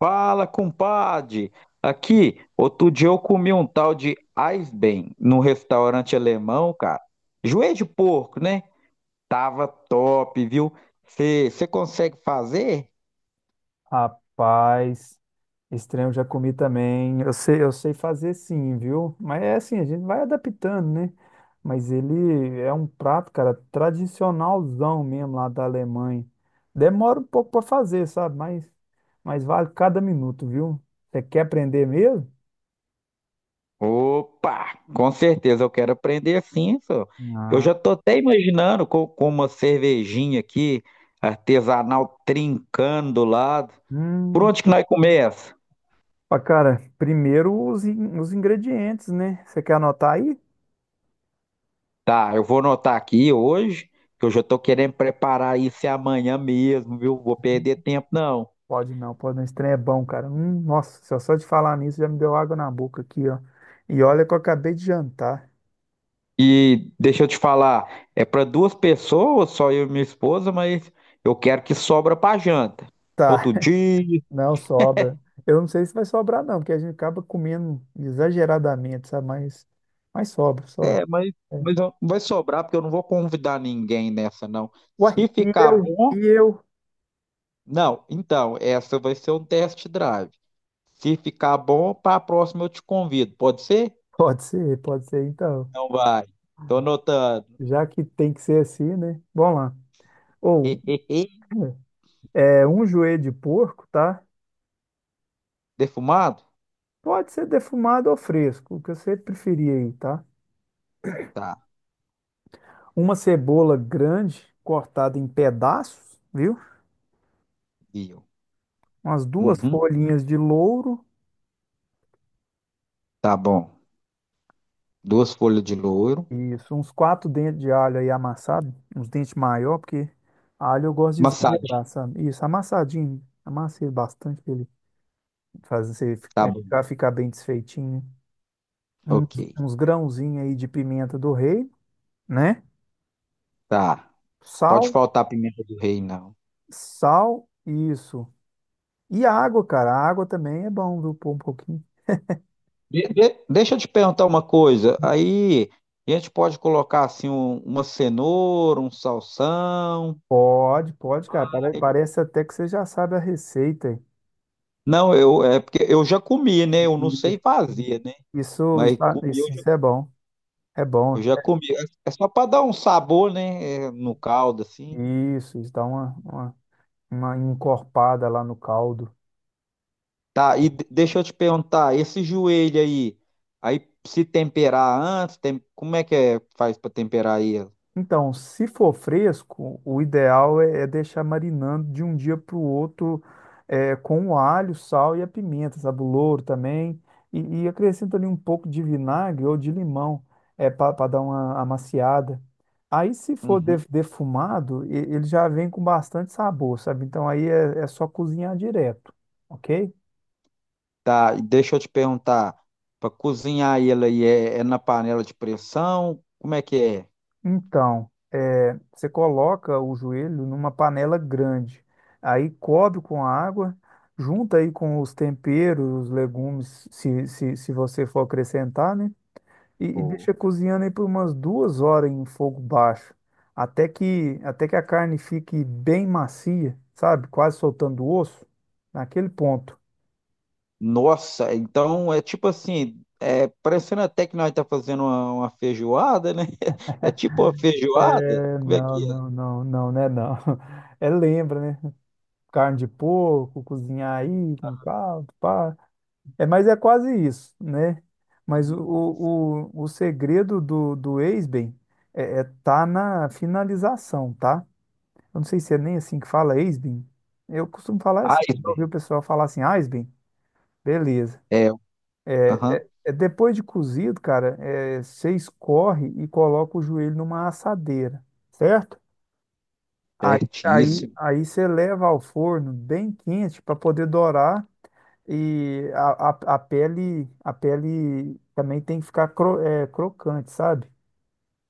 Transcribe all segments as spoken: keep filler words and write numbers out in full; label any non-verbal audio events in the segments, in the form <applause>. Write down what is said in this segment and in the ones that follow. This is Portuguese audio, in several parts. Fala, compadre! Aqui, outro dia eu comi um tal de Eisbein num restaurante alemão, cara. Joelho de porco, né? Tava top, viu? Você consegue fazer? Rapaz, estranho eu já comi também. Eu sei, eu sei fazer sim, viu? Mas é assim, a gente vai adaptando, né? Mas ele é um prato, cara, tradicionalzão mesmo lá da Alemanha. Demora um pouco para fazer, sabe? Mas, mas vale cada minuto, viu? Você quer aprender mesmo? Opa! Com certeza eu quero aprender sim, senhor. Eu Ah. já tô até imaginando com, com uma cervejinha aqui, artesanal, trincando do lado. Por Hum. onde que nós começa? Pá, cara, primeiro os, in- os ingredientes, né? Você quer anotar aí? Tá, eu vou anotar aqui hoje, que eu já tô querendo preparar isso é amanhã mesmo, viu? Vou perder tempo, não. Pode não, pode não. Esse trem é bom, cara. Hum, nossa, só, só de falar nisso já me deu água na boca aqui, ó. E olha que eu acabei de jantar. <laughs> E deixa eu te falar, é para duas pessoas, só eu e minha esposa, mas eu quero que sobra para janta. Tá, Outro dia, não sobra. Eu não sei se vai sobrar, não, porque a gente acaba comendo exageradamente, sabe? Mas, mas sobra, sobra. é, mas, É. mas eu- vai sobrar, porque eu não vou convidar ninguém nessa, não. Ué, Se e ficar eu? bom, E eu? não, então, essa vai ser um test drive. Se ficar bom, para a próxima eu te convido, pode ser? Pode ser, pode ser, então. Não vai. Tô anotando. Já que tem que ser assim, né? Vamos lá. Ou, <laughs> é, é, um joelho de porco, tá? Defumado? Pode ser defumado ou fresco, o que você preferir aí, tá? Tá, Uma cebola grande cortada em pedaços, viu? viu. Umas duas Uhum, folhinhas de louro, tá bom. Duas folhas de louro. isso, uns quatro dentes de alho aí amassado, uns dentes maior, porque alho eu gosto de Massadinho? exagerar, sabe? Isso, amassadinho, amassei bastante pra ele fazer você fi- Tá é, bom. ficar, ficar bem desfeitinho. Uns, Ok, uns grãozinhos aí de pimenta do rei, né? tá. Pode Sal, faltar pimenta do rei, não. sal, isso. E água, cara, a água também é bom, viu? Pôr um pouquinho. De- de- deixa eu te perguntar uma coisa. Aí a gente pode colocar assim um- uma cenoura, um salsão. Pode, pode, cara. Pare- Parece até que você já sabe a receita, hein? Não, eu é porque eu já comi, né? Eu não sei fazer, né? Isso, Mas isso, ah, comi, isso, eu já, isso é bom. É bom. eu já comi. É é só para dar um sabor, né? É, no caldo assim. Isso, isso dá uma, uma, uma encorpada lá no caldo. Tá, e de- deixa eu te perguntar, esse joelho aí, aí se temperar antes, tem- como é que é, faz para temperar ele? Então, se for fresco, o ideal é, é deixar marinando de um dia para o outro é, com o alho, sal e a pimenta, sabe? O louro também. E, e acrescenta ali um pouco de vinagre ou de limão é, para dar uma amaciada. Aí, se for Uhum. def- defumado, e- ele já vem com bastante sabor, sabe? Então, aí é, é só cozinhar direto, ok? Tá, e deixa eu te perguntar, para cozinhar ele aí é, é na panela de pressão? Como é que é? Então, é, você coloca o joelho numa panela grande, aí cobre com água, junta aí com os temperos, os legumes, se, se, se você for acrescentar, né? E, e Pô, deixa cozinhando aí por umas duas horas em fogo baixo, até que, até que a carne fique bem macia, sabe? Quase soltando o osso, naquele ponto. nossa, então é tipo assim, é parecendo até que nós tá fazendo uma, uma feijoada, né? <laughs> É tipo uma feijoada? É, Como é não, que é? não, não, não, né? Não. <laughs> É, lembra, né? Carne de porco, cozinhar aí com caldo, pá. É, mas é quase isso, né? Mas o, Uhum. o, o o segredo do, do ex-bem é, é tá na finalização, tá? Eu não sei se é nem assim que fala ex-bem. Eu costumo falar assim, Ai, eu já bem. ouvi o pessoal falar assim, ah, bem, beleza. É, aham, É, depois de cozido, cara, é, você escorre e coloca o joelho numa assadeira, certo? Aí, aí, certíssimo. aí você leva ao forno bem quente para poder dourar. E a, a, a pele, a pele também tem que ficar cro- é, crocante, sabe?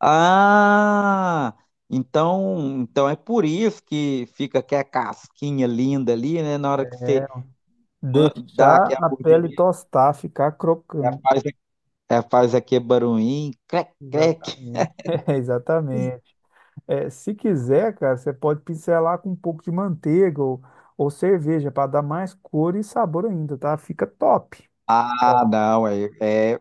Ah, então, então é por isso que fica aquela casquinha linda ali, né? Na hora que você ma- dá Deixar aquela a pele mordidinha, tostar, ficar já crocante. faz, já faz aquele barulhinho, crec, crec. Exatamente. <laughs> É, exatamente. É, se quiser, cara, você pode pincelar com um pouco de manteiga ou, ou cerveja para dar mais cor e sabor ainda, tá? Fica top. Ah, Top. não, é, é-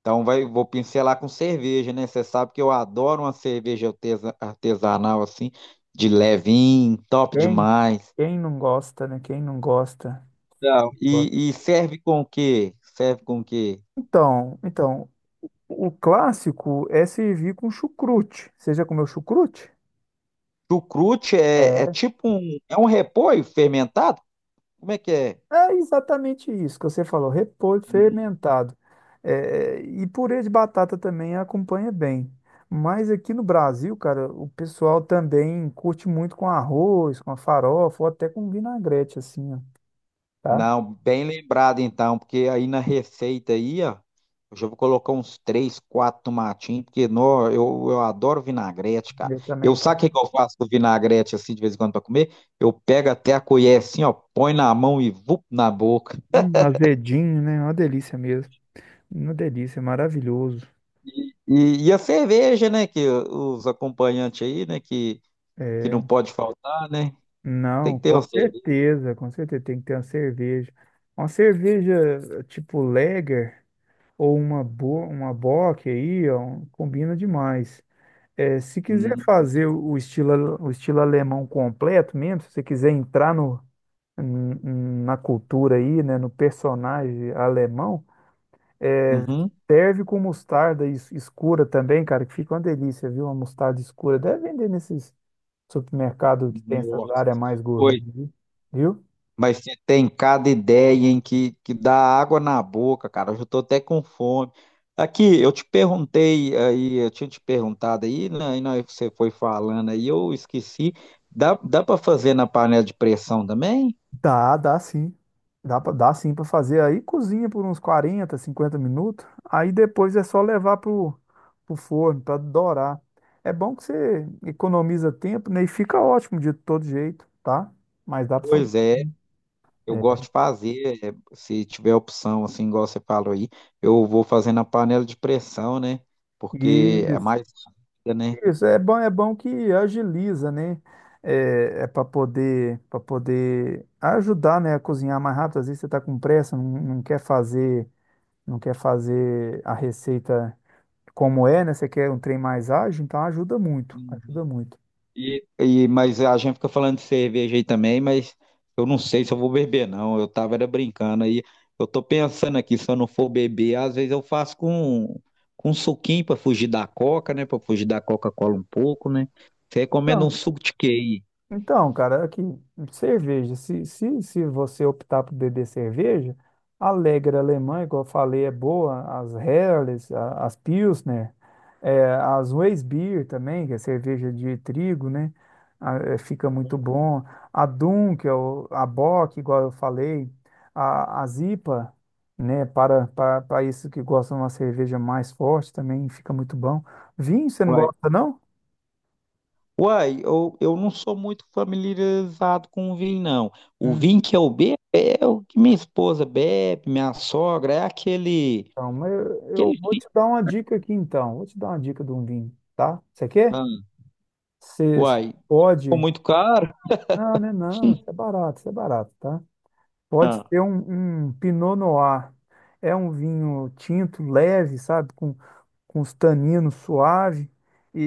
então vai, vou pincelar com cerveja, né? Você sabe que eu adoro uma cerveja artesa- artesanal assim, de levinho, top Quem, demais. quem não gosta, né? Quem não gosta. Então, Gosta. e, e serve com o quê? Serve com o quê? Então, então, o clássico é servir com chucrute. Você já comeu chucrute? Chucrute é, é É, tipo um, é um repolho fermentado? Como é que é? é exatamente isso que você falou, repolho fermentado. É, e purê de batata também acompanha bem. Mas aqui no Brasil, cara, o pessoal também curte muito com arroz, com a farofa, ou até com vinagrete, assim, ó, tá? Não, bem lembrado então, porque aí na receita aí, ó, eu já vou colocar uns três, quatro tomatinhos, porque nó, eu, eu adoro vinagrete, cara. Eu Eu também sabe gosto. o que que eu faço com vinagrete assim de vez em quando para comer? Eu pego até a colher assim, ó, põe na mão e vup na boca. Hum, azedinho, né? Uma delícia mesmo. Uma delícia, maravilhoso. E, e a cerveja, né, que os acompanhantes aí, né, que, que não É, pode faltar, né? Tem não, que ter com uma cerveja. certeza, com certeza. Tem que ter uma cerveja. Uma cerveja tipo Lager. Ou uma, boa, uma bock aí, ó, combina demais. É, se quiser Hum, fazer o o estilo, ale- o estilo alemão completo mesmo, se você quiser entrar no, n- n- na cultura aí, né, no personagem alemão, Uhum. serve com mostarda es- escura também, cara, que fica uma delícia, viu? Uma mostarda escura. Deve vender nesses supermercados que tem essas Nossa. áreas mais gourmet, Oi. viu? Mas você tem cada ideia em que, que dá água na boca, cara. Eu já tô até com fome. Aqui, eu te perguntei aí, eu tinha te perguntado aí, né, e na hora que você foi falando aí, eu esqueci. Dá, dá para fazer na panela de pressão também? Dá, dá sim. Dá, pra- dá sim para fazer. Aí cozinha por uns quarenta cinquenta minutos. Aí depois é só levar pro, pro forno para dourar. É bom que você economiza tempo, né? E fica ótimo de todo jeito, tá? Mas dá para fazer. Pois é, eu É. gosto de fazer. É, se tiver opção, assim, igual você falou aí, eu vou fazer na panela de pressão, né? Porque é Isso, mais rápida, isso é bom, é bom que agiliza, né? É, é para poder, para poder ajudar, né, a cozinhar mais rápido. Às vezes você está com pressa, não, não quer fazer, não quer fazer a receita como é, né? Você quer um trem mais ágil, então ajuda muito, né? ajuda muito. E E, mas a gente fica falando de cerveja aí também, mas eu não sei se eu vou beber, não. Eu tava era brincando aí. Eu tô pensando aqui, se eu não for beber, às vezes eu faço com, com um suquinho pra fugir da Coca, né? Pra fugir da Coca-Cola um pouco, né? Você recomenda um Então, suco de quê aí? então, cara, aqui, cerveja. Se, se, se você optar por beber cerveja, a Lager alemã, igual eu falei, é boa. As Helles, a- as Pilsner, eh, as Weissbier também, que é cerveja de trigo, né? Ah, eh, fica muito bom. A Dunkel, é a Bock, igual eu falei, a, as I P A, né? Para, para, para isso que gostam de uma cerveja mais forte também, fica muito bom. Vinho, você não Uai, gosta, não? uai, eu, eu não sou muito familiarizado com o vinho, não. O Hum. vinho que eu bebo é o que minha esposa bebe, minha sogra, é aquele, Então, mas eu, eu aquele... vou te dar uma dica aqui então. Vou te dar uma dica de um vinho, tá? Você quer? Ah, Você você uai, ficou pode. muito caro? Não, né? Não, isso é barato, isso é barato, tá? Pode ser um, um Pinot Noir. É um vinho tinto, leve, sabe? Com, com os taninos suave e,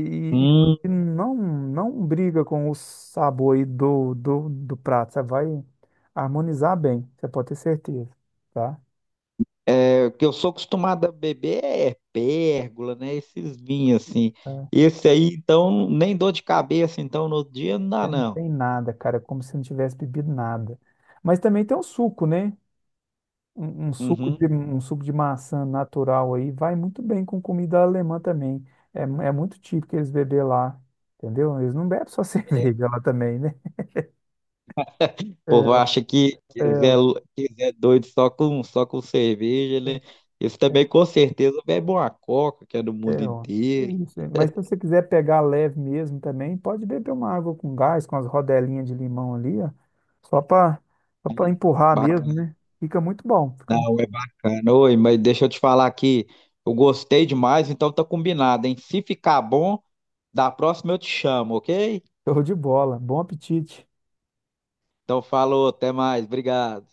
e- Hum. e não, não briga com o sabor aí do, do, do prato. Você vai harmonizar bem, você pode ter certeza, tá? É, o que eu sou acostumado a beber é pérgola, né? Esses vinhos assim. Esse aí, então, nem dor de cabeça, então, no outro dia não dá, não. Tem nada, cara, é como se não tivesse bebido nada. Mas também tem um suco, né? Um, um suco Uhum. de, O um suco de maçã natural aí vai muito bem com comida alemã também. É, mu- é muito típico eles beber lá, entendeu? Eles não bebem só <laughs> cerveja lá também, né? povo É, acha que quiser, quiser doido só com, só com cerveja, né? Esse também, com certeza, bebe uma coca, que é do mundo é, ó. É inteiro. isso. Mas se você quiser pegar leve mesmo também, pode beber uma água com gás, com as rodelinhas de limão ali, ó, só para empurrar mesmo, Bacana, né? Fica muito bom, fica não, é <laughs> bacana. Oi, mas deixa eu te falar aqui. Eu gostei demais, então tá combinado, hein? Se ficar bom, da próxima eu te chamo, ok? show de bola. Bom apetite. Então, falou, até mais, obrigado.